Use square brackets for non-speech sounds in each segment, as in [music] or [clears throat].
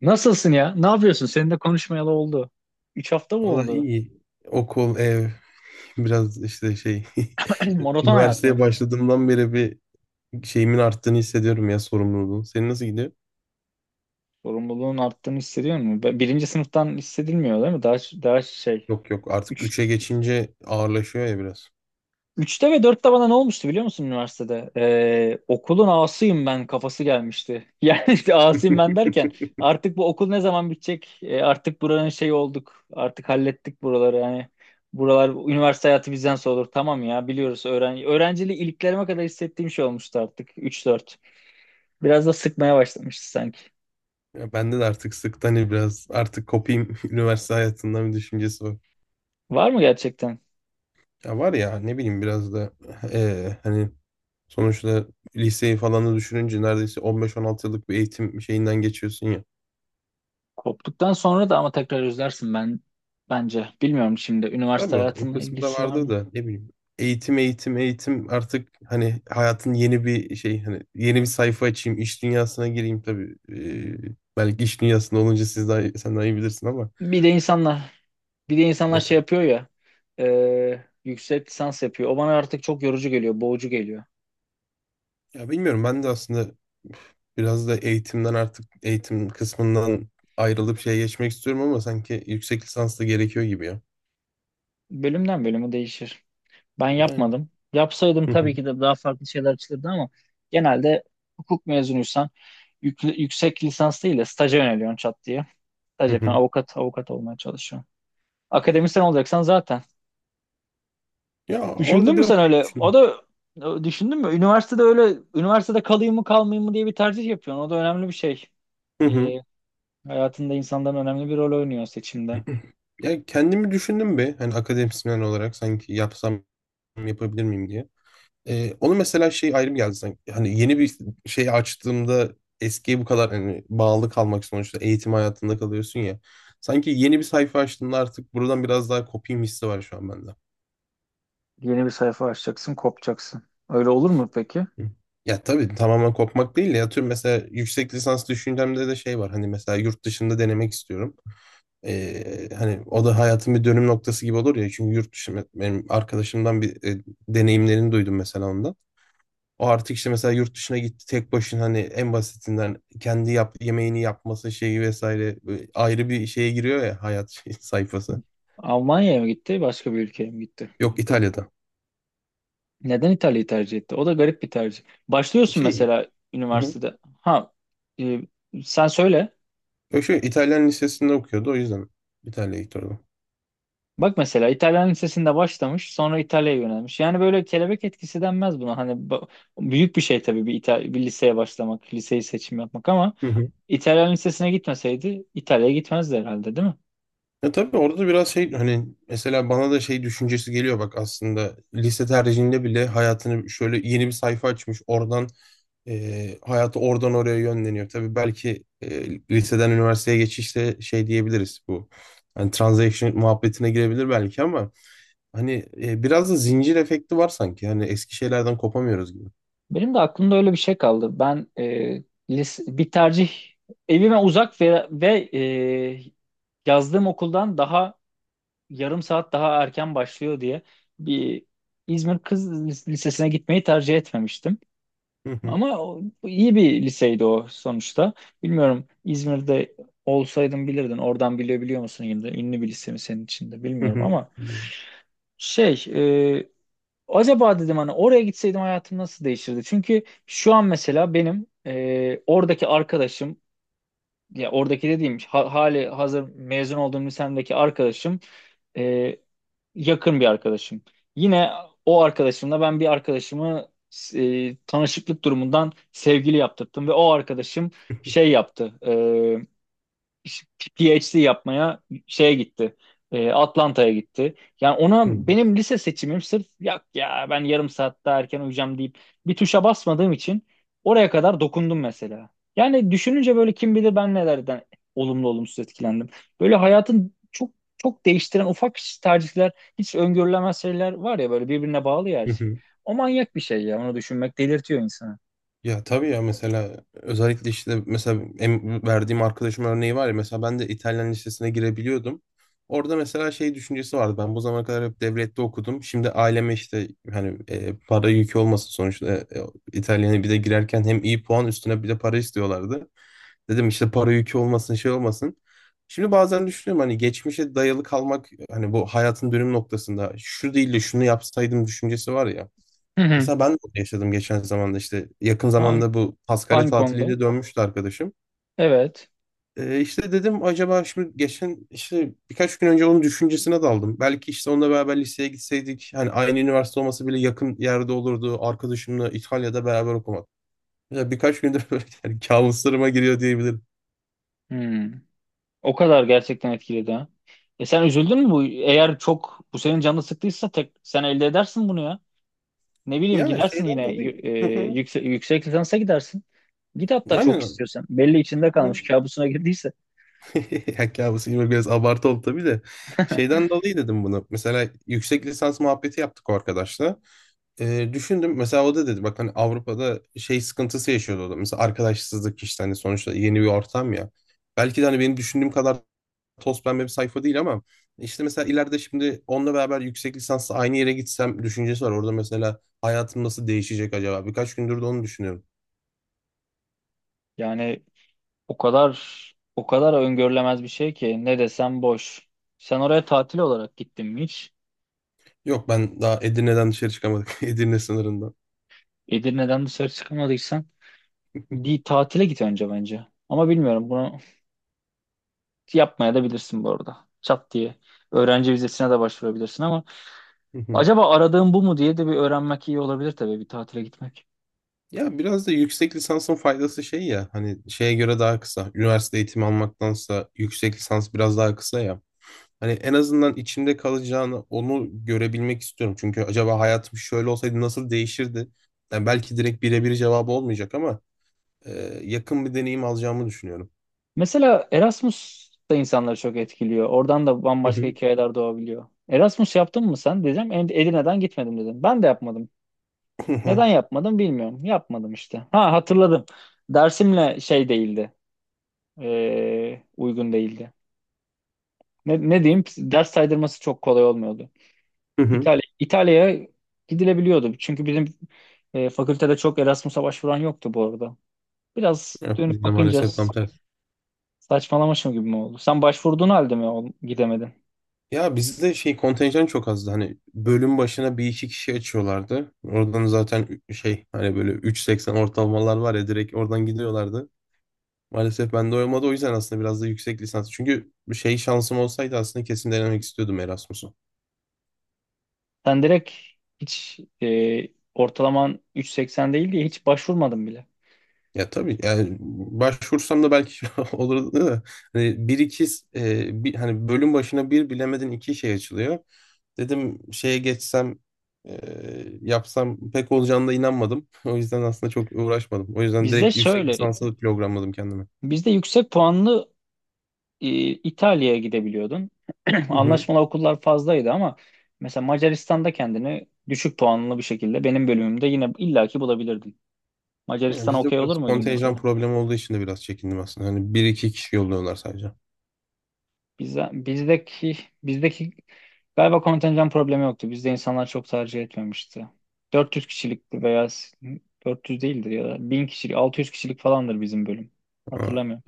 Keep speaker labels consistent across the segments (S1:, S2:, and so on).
S1: Nasılsın ya? Ne yapıyorsun? Seninle konuşmayalı oldu. 3 hafta mı
S2: Valla
S1: oldu?
S2: iyi. Okul, ev, biraz işte şey.
S1: [clears throat]
S2: [laughs]
S1: Maraton hayat mı?
S2: Üniversiteye başladığımdan beri bir şeyimin arttığını hissediyorum ya, sorumluluğun. Senin nasıl gidiyor?
S1: Sorumluluğun arttığını hissediyor musun? Birinci sınıftan hissedilmiyor değil mi? Daha şey.
S2: Yok yok, artık
S1: Üç,
S2: üçe geçince ağırlaşıyor ya biraz.
S1: üçte ve dörtte bana ne olmuştu biliyor musun üniversitede? Okulun ağasıyım ben kafası gelmişti. [laughs] Yani işte ağasıyım ben
S2: [laughs]
S1: derken artık bu okul ne zaman bitecek? Artık buranın şeyi olduk. Artık hallettik buraları. Yani buralar üniversite hayatı bizden sorulur. Tamam ya biliyoruz. Öğrenciliği iliklerime kadar hissettiğim şey olmuştu artık. Üç dört. Biraz da sıkmaya başlamıştı sanki.
S2: Ya bende de artık sıktan hani biraz artık kopayım [laughs] üniversite hayatından bir düşüncesi var.
S1: Var mı gerçekten?
S2: Ya var ya, ne bileyim, biraz da hani sonuçta liseyi falan da düşününce neredeyse 15-16 yıllık bir eğitim şeyinden geçiyorsun.
S1: Koptuktan sonra da ama tekrar özlersin ben bence. Bilmiyorum, şimdi üniversite
S2: Tabii o
S1: hayatına
S2: kısmı da
S1: ilgisi var
S2: vardır
S1: mı?
S2: da ne bileyim. Eğitim, eğitim, eğitim artık, hani hayatın yeni bir şey, hani yeni bir sayfa açayım, iş dünyasına gireyim tabii. Belki iş dünyasında olunca siz daha, sen daha iyi bilirsin ama.
S1: Bir de insanlar bir de insanlar şey
S2: Evet.
S1: yapıyor ya, yüksek lisans yapıyor. O bana artık çok yorucu geliyor, boğucu geliyor.
S2: Ya bilmiyorum, ben de aslında biraz da eğitimden, artık eğitim kısmından ayrılıp şeye geçmek istiyorum ama sanki yüksek lisans da gerekiyor gibi ya.
S1: Bölümden bölümü değişir. Ben
S2: Yani.
S1: yapmadım. Yapsaydım
S2: Hı hı,
S1: tabii ki de daha farklı şeyler çıkırdı ama genelde hukuk mezunuysan yüksek lisans değil de staja yöneliyorsun çat diye. Staj
S2: hı hı.
S1: yapıyorsun, avukat olmaya çalışıyorsun. Akademisyen olacaksan zaten.
S2: Ya
S1: Düşündün
S2: orada
S1: mü
S2: biraz
S1: sen
S2: şey
S1: öyle?
S2: düşündüm.
S1: Düşündün mü? Üniversitede kalayım mı kalmayayım mı diye bir tercih yapıyorsun. O da önemli bir şey. Ee, Hayatında insanların önemli bir rol oynuyor seçimde.
S2: Ya kendimi düşündüm be, hani akademisyen olarak sanki yapsam, yapabilir miyim diye. Onu mesela şey ayrım geldi sanki. Hani yeni bir şey açtığımda eskiye bu kadar hani bağlı kalmak, sonuçta eğitim hayatında kalıyorsun ya. Sanki yeni bir sayfa açtığımda artık buradan biraz daha kopayım hissi var şu an bende.
S1: Yeni bir sayfa açacaksın, kopacaksın. Öyle olur mu peki?
S2: Hı. Ya tabii tamamen kopmak değil de, ya tüm mesela yüksek lisans düşüncemde de şey var. Hani mesela yurt dışında denemek istiyorum. Hani o da hayatın bir dönüm noktası gibi olur ya, çünkü yurt dışı, benim arkadaşımdan bir deneyimlerini duydum mesela ondan. O artık işte mesela yurt dışına gitti tek başına, hani en basitinden kendi yemeğini yapması şeyi vesaire, böyle ayrı bir şeye giriyor ya hayat [laughs] sayfası.
S1: Almanya'ya mı gitti, başka bir ülkeye mi gitti?
S2: Yok, İtalya'da.
S1: Neden İtalya'yı tercih etti? O da garip bir tercih. Başlıyorsun
S2: Şey,
S1: mesela
S2: hı hı.
S1: üniversitede. Ha, e, Sen söyle.
S2: Yok, şu İtalyan lisesinde okuyordu, o yüzden İtalya'ya gitti orada.
S1: Bak mesela İtalyan lisesinde başlamış, sonra İtalya'ya yönelmiş. Yani böyle kelebek etkisi denmez buna. Büyük bir şey tabii, bir liseye başlamak, liseyi seçim yapmak ama İtalyan lisesine gitmeseydi İtalya'ya gitmezdi herhalde, değil mi?
S2: Ya tabii orada biraz şey, hani mesela bana da şey düşüncesi geliyor bak, aslında lise tercihinde bile hayatını şöyle yeni bir sayfa açmış oradan, hayatı oradan oraya yönleniyor. Tabii belki liseden üniversiteye geçişte şey diyebiliriz, bu hani transaction muhabbetine girebilir belki ama hani, biraz da zincir efekti var sanki, hani eski şeylerden kopamıyoruz gibi.
S1: Benim de aklımda öyle bir şey kaldı. Ben, lise, bir tercih evime uzak ve, yazdığım okuldan daha yarım saat daha erken başlıyor diye bir İzmir Kız Lisesi'ne gitmeyi tercih etmemiştim.
S2: Hı hı,
S1: Ama iyi bir liseydi o sonuçta. Bilmiyorum, İzmir'de olsaydın bilirdin. Oradan bilebiliyor musun yine de ünlü bir lise mi senin için de
S2: hı
S1: bilmiyorum
S2: hı.
S1: ama şey e, acaba dedim hani oraya gitseydim hayatım nasıl değişirdi? Çünkü şu an mesela benim oradaki arkadaşım, ya oradaki dediğim hali hazır mezun olduğum lisemdeki arkadaşım e, yakın bir arkadaşım. Yine o arkadaşımla ben bir arkadaşımı, tanışıklık durumundan sevgili yaptırdım ve o arkadaşım şey yaptı. PhD yapmaya şeye gitti. Atlanta'ya gitti. Yani ona benim lise seçimim sırf ya ben yarım saat daha erken uyuyacağım deyip bir tuşa basmadığım için oraya kadar dokundum mesela. Yani düşününce böyle kim bilir ben nelerden olumlu olumsuz etkilendim. Böyle hayatın çok çok değiştiren ufak tercihler, hiç öngörülemez şeyler var ya böyle birbirine bağlı ya her
S2: Hı
S1: şey.
S2: hı.
S1: O manyak bir şey ya onu düşünmek delirtiyor insanı.
S2: Ya tabii ya, mesela özellikle işte mesela verdiğim arkadaşım örneği var ya, mesela ben de İtalyan lisesine girebiliyordum. Orada mesela şey düşüncesi vardı, ben bu zamana kadar hep devlette okudum. Şimdi aileme işte hani para yükü olmasın, sonuçta İtalyan'a bir de girerken hem iyi puan üstüne bir de para istiyorlardı. Dedim işte para yükü olmasın, şey olmasın. Şimdi bazen düşünüyorum, hani geçmişe dayalı kalmak, hani bu hayatın dönüm noktasında şu değil de şunu yapsaydım düşüncesi var ya.
S1: Hı hı.
S2: Mesela ben de onu yaşadım geçen zamanda, işte yakın
S1: Hangi,
S2: zamanda bu Paskalya
S1: hangi konuda?
S2: tatiliyle dönmüştü arkadaşım.
S1: Evet.
S2: İşte dedim acaba, şimdi geçen işte birkaç gün önce onun düşüncesine daldım. Belki işte onunla beraber liseye gitseydik, hani aynı üniversite olması bile yakın yerde olurdu. Arkadaşımla İtalya'da beraber okumak. Mesela birkaç gündür [laughs] böyle yani kabuslarıma giriyor diyebilirim.
S1: Hmm. O kadar gerçekten etkiledi ha. E sen üzüldün mü bu? Eğer çok bu senin canını sıktıysa tek sen elde edersin bunu ya. Ne bileyim
S2: Ya
S1: gidersin
S2: şeyden
S1: yine
S2: dolayı. Hı hı.
S1: yüksek lisansa gidersin. Git hatta çok
S2: Aynen.
S1: istiyorsan. Belli içinde
S2: Hı.
S1: kalmış kabusuna girdiyse.
S2: [laughs] Ya kabus gibi biraz abartı oldu tabii de. Şeyden dolayı dedim bunu. Mesela yüksek lisans muhabbeti yaptık o arkadaşla. Düşündüm, mesela o da dedi bak, hani Avrupa'da şey sıkıntısı yaşıyordu o da, mesela arkadaşsızlık işte, hani sonuçta yeni bir ortam ya. Belki de hani benim düşündüğüm kadar toz pembe bir sayfa değil ama işte mesela ileride şimdi onunla beraber yüksek lisansla aynı yere gitsem düşüncesi var. Orada mesela hayatım nasıl değişecek acaba? Birkaç gündür de onu düşünüyorum.
S1: Yani o kadar o kadar öngörülemez bir şey ki ne desem boş. Sen oraya tatil olarak gittin mi hiç?
S2: Yok, ben daha Edirne'den dışarı çıkamadık. [laughs] Edirne sınırından.
S1: Edirne'den dışarı çıkamadıysan bir tatile git önce bence. Ama bilmiyorum bunu yapmaya da bilirsin bu arada. Çat diye. Öğrenci vizesine de başvurabilirsin ama
S2: Hı hı.
S1: acaba aradığım bu mu diye de bir öğrenmek iyi olabilir, tabii bir tatile gitmek.
S2: Ya biraz da yüksek lisansın faydası şey ya, hani şeye göre daha kısa. Üniversite eğitimi almaktansa yüksek lisans biraz daha kısa ya. Hani en azından içimde kalacağını, onu görebilmek istiyorum. Çünkü acaba hayatım şöyle olsaydı nasıl değişirdi? Yani belki direkt birebir cevabı olmayacak ama e, yakın bir deneyim alacağımı düşünüyorum.
S1: Mesela Erasmus da insanları çok etkiliyor. Oradan da
S2: Hı
S1: bambaşka
S2: hı.
S1: hikayeler doğabiliyor. Erasmus yaptın mı sen? Dedim, Edirne'den gitmedim," dedim. Ben de yapmadım.
S2: [laughs] Hı hı.
S1: Neden yapmadım bilmiyorum. Yapmadım işte. Ha, hatırladım. Dersimle şey değildi. Uygun değildi. Ne diyeyim? Ders saydırması çok kolay olmuyordu.
S2: Hı hı.
S1: İtalya'ya gidilebiliyordu. Çünkü bizim fakültede çok Erasmus'a başvuran yoktu bu arada. Biraz
S2: Ya,
S1: dönüp
S2: bizde
S1: bakınca
S2: maalesef tam tersi.
S1: saçmalamışım gibi mi oldu? Sen başvurduğun halde mi gidemedin?
S2: Ya bizde şey, kontenjan çok azdı. Hani bölüm başına bir iki kişi açıyorlardı. Oradan zaten şey, hani böyle 3,80 ortalamalar var ya, direkt oradan gidiyorlardı. Maalesef ben de olmadı, o yüzden aslında biraz da yüksek lisans. Çünkü şey, şansım olsaydı aslında kesin denemek istiyordum Erasmus'u.
S1: Sen direkt hiç ortalaman 3,80 değil diye hiç başvurmadın bile.
S2: Ya tabii yani başvursam da belki [laughs] olurdu da hani bir iki, hani bölüm başına bir bilemedin iki şey açılıyor. Dedim şeye geçsem, e, yapsam, pek olacağına da inanmadım. [laughs] O yüzden aslında çok uğraşmadım. O yüzden
S1: Bizde
S2: direkt yüksek
S1: şöyleydi.
S2: lisansı programladım kendime.
S1: Bizde yüksek puanlı e, İtalya'ya gidebiliyordun. [clears throat]
S2: Hı hı.
S1: Anlaşmalı okullar fazlaydı ama mesela Macaristan'da kendini düşük puanlı bir şekilde benim bölümümde yine illaki bulabilirdin.
S2: Yani
S1: Macaristan'a
S2: bizde
S1: okey olur
S2: biraz
S1: muydun
S2: kontenjan
S1: mesela?
S2: problemi olduğu için de biraz çekindim aslında. Hani bir iki kişi yolluyorlar sadece.
S1: Bize, bizdeki bizdeki galiba kontenjan problemi yoktu. Bizde insanlar çok tercih etmemişti. 400 kişilikti veya 400 değildir ya da 1000 kişilik 600 kişilik falandır bizim bölüm.
S2: Ha,
S1: Hatırlamıyorum.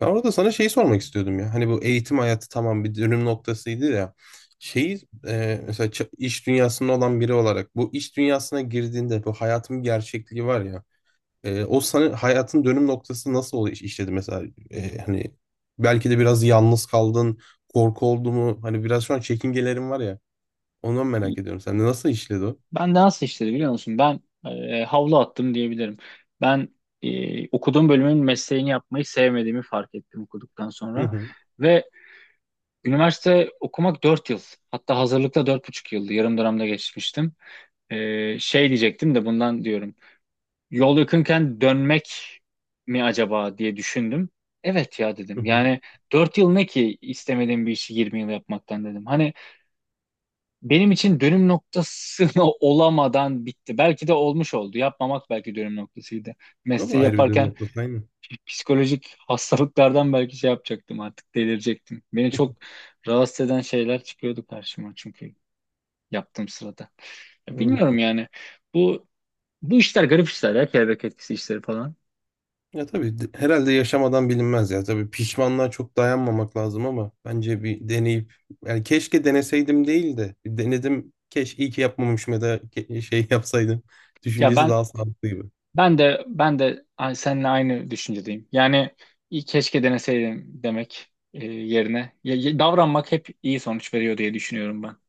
S2: ben orada sana şeyi sormak istiyordum ya. Hani bu eğitim hayatı tamam, bir dönüm noktasıydı ya. Şeyi, mesela iş dünyasında olan biri olarak, bu iş dünyasına girdiğinde bu hayatın bir gerçekliği var ya. O sana hayatın dönüm noktası nasıl oluyor işledi mesela? Hani belki de biraz yalnız kaldın, korku oldu mu? Hani biraz şu an çekingelerin var ya. Ondan merak ediyorum. Sen de nasıl işledi o?
S1: Ben de nasıl işledi biliyor musun? Ben, havlu attım diyebilirim. Ben, okuduğum bölümün mesleğini yapmayı sevmediğimi fark ettim okuduktan
S2: Hı
S1: sonra.
S2: hı.
S1: Ve üniversite okumak 4 yıl. Hatta hazırlıkta 4,5 yıldı. Yarım dönemde geçmiştim. Şey diyecektim de bundan diyorum. Yol yakınken dönmek mi acaba diye düşündüm. Evet ya
S2: Hı
S1: dedim.
S2: hı.
S1: Yani 4 yıl ne ki istemediğim bir işi 20 yıl yapmaktan dedim. Hani benim için dönüm noktasına [laughs] olamadan bitti. Belki de olmuş oldu. Yapmamak belki dönüm noktasıydı.
S2: O da
S1: Mesleği
S2: ayrı bir dönüm
S1: yaparken
S2: noktası aynı.
S1: psikolojik hastalıklardan belki şey yapacaktım artık delirecektim. Beni çok rahatsız eden şeyler çıkıyordu karşıma çünkü yaptığım sırada. Ya bilmiyorum
S2: [laughs]
S1: yani bu bu işler garip işler ya kelebek etkisi işleri falan.
S2: Ya tabii herhalde yaşamadan bilinmez ya. Tabii pişmanlığa çok dayanmamak lazım ama bence bir deneyip, yani keşke deneseydim değil de, denedim, keşke iyi ki yapmamışım ya da şey [laughs] yapsaydım
S1: Ya
S2: düşüncesi
S1: ben
S2: daha sağlıklı gibi.
S1: ben de seninle aynı düşüncedeyim. Yani iyi keşke deneseydim demek yerine davranmak hep iyi sonuç veriyor diye düşünüyorum ben.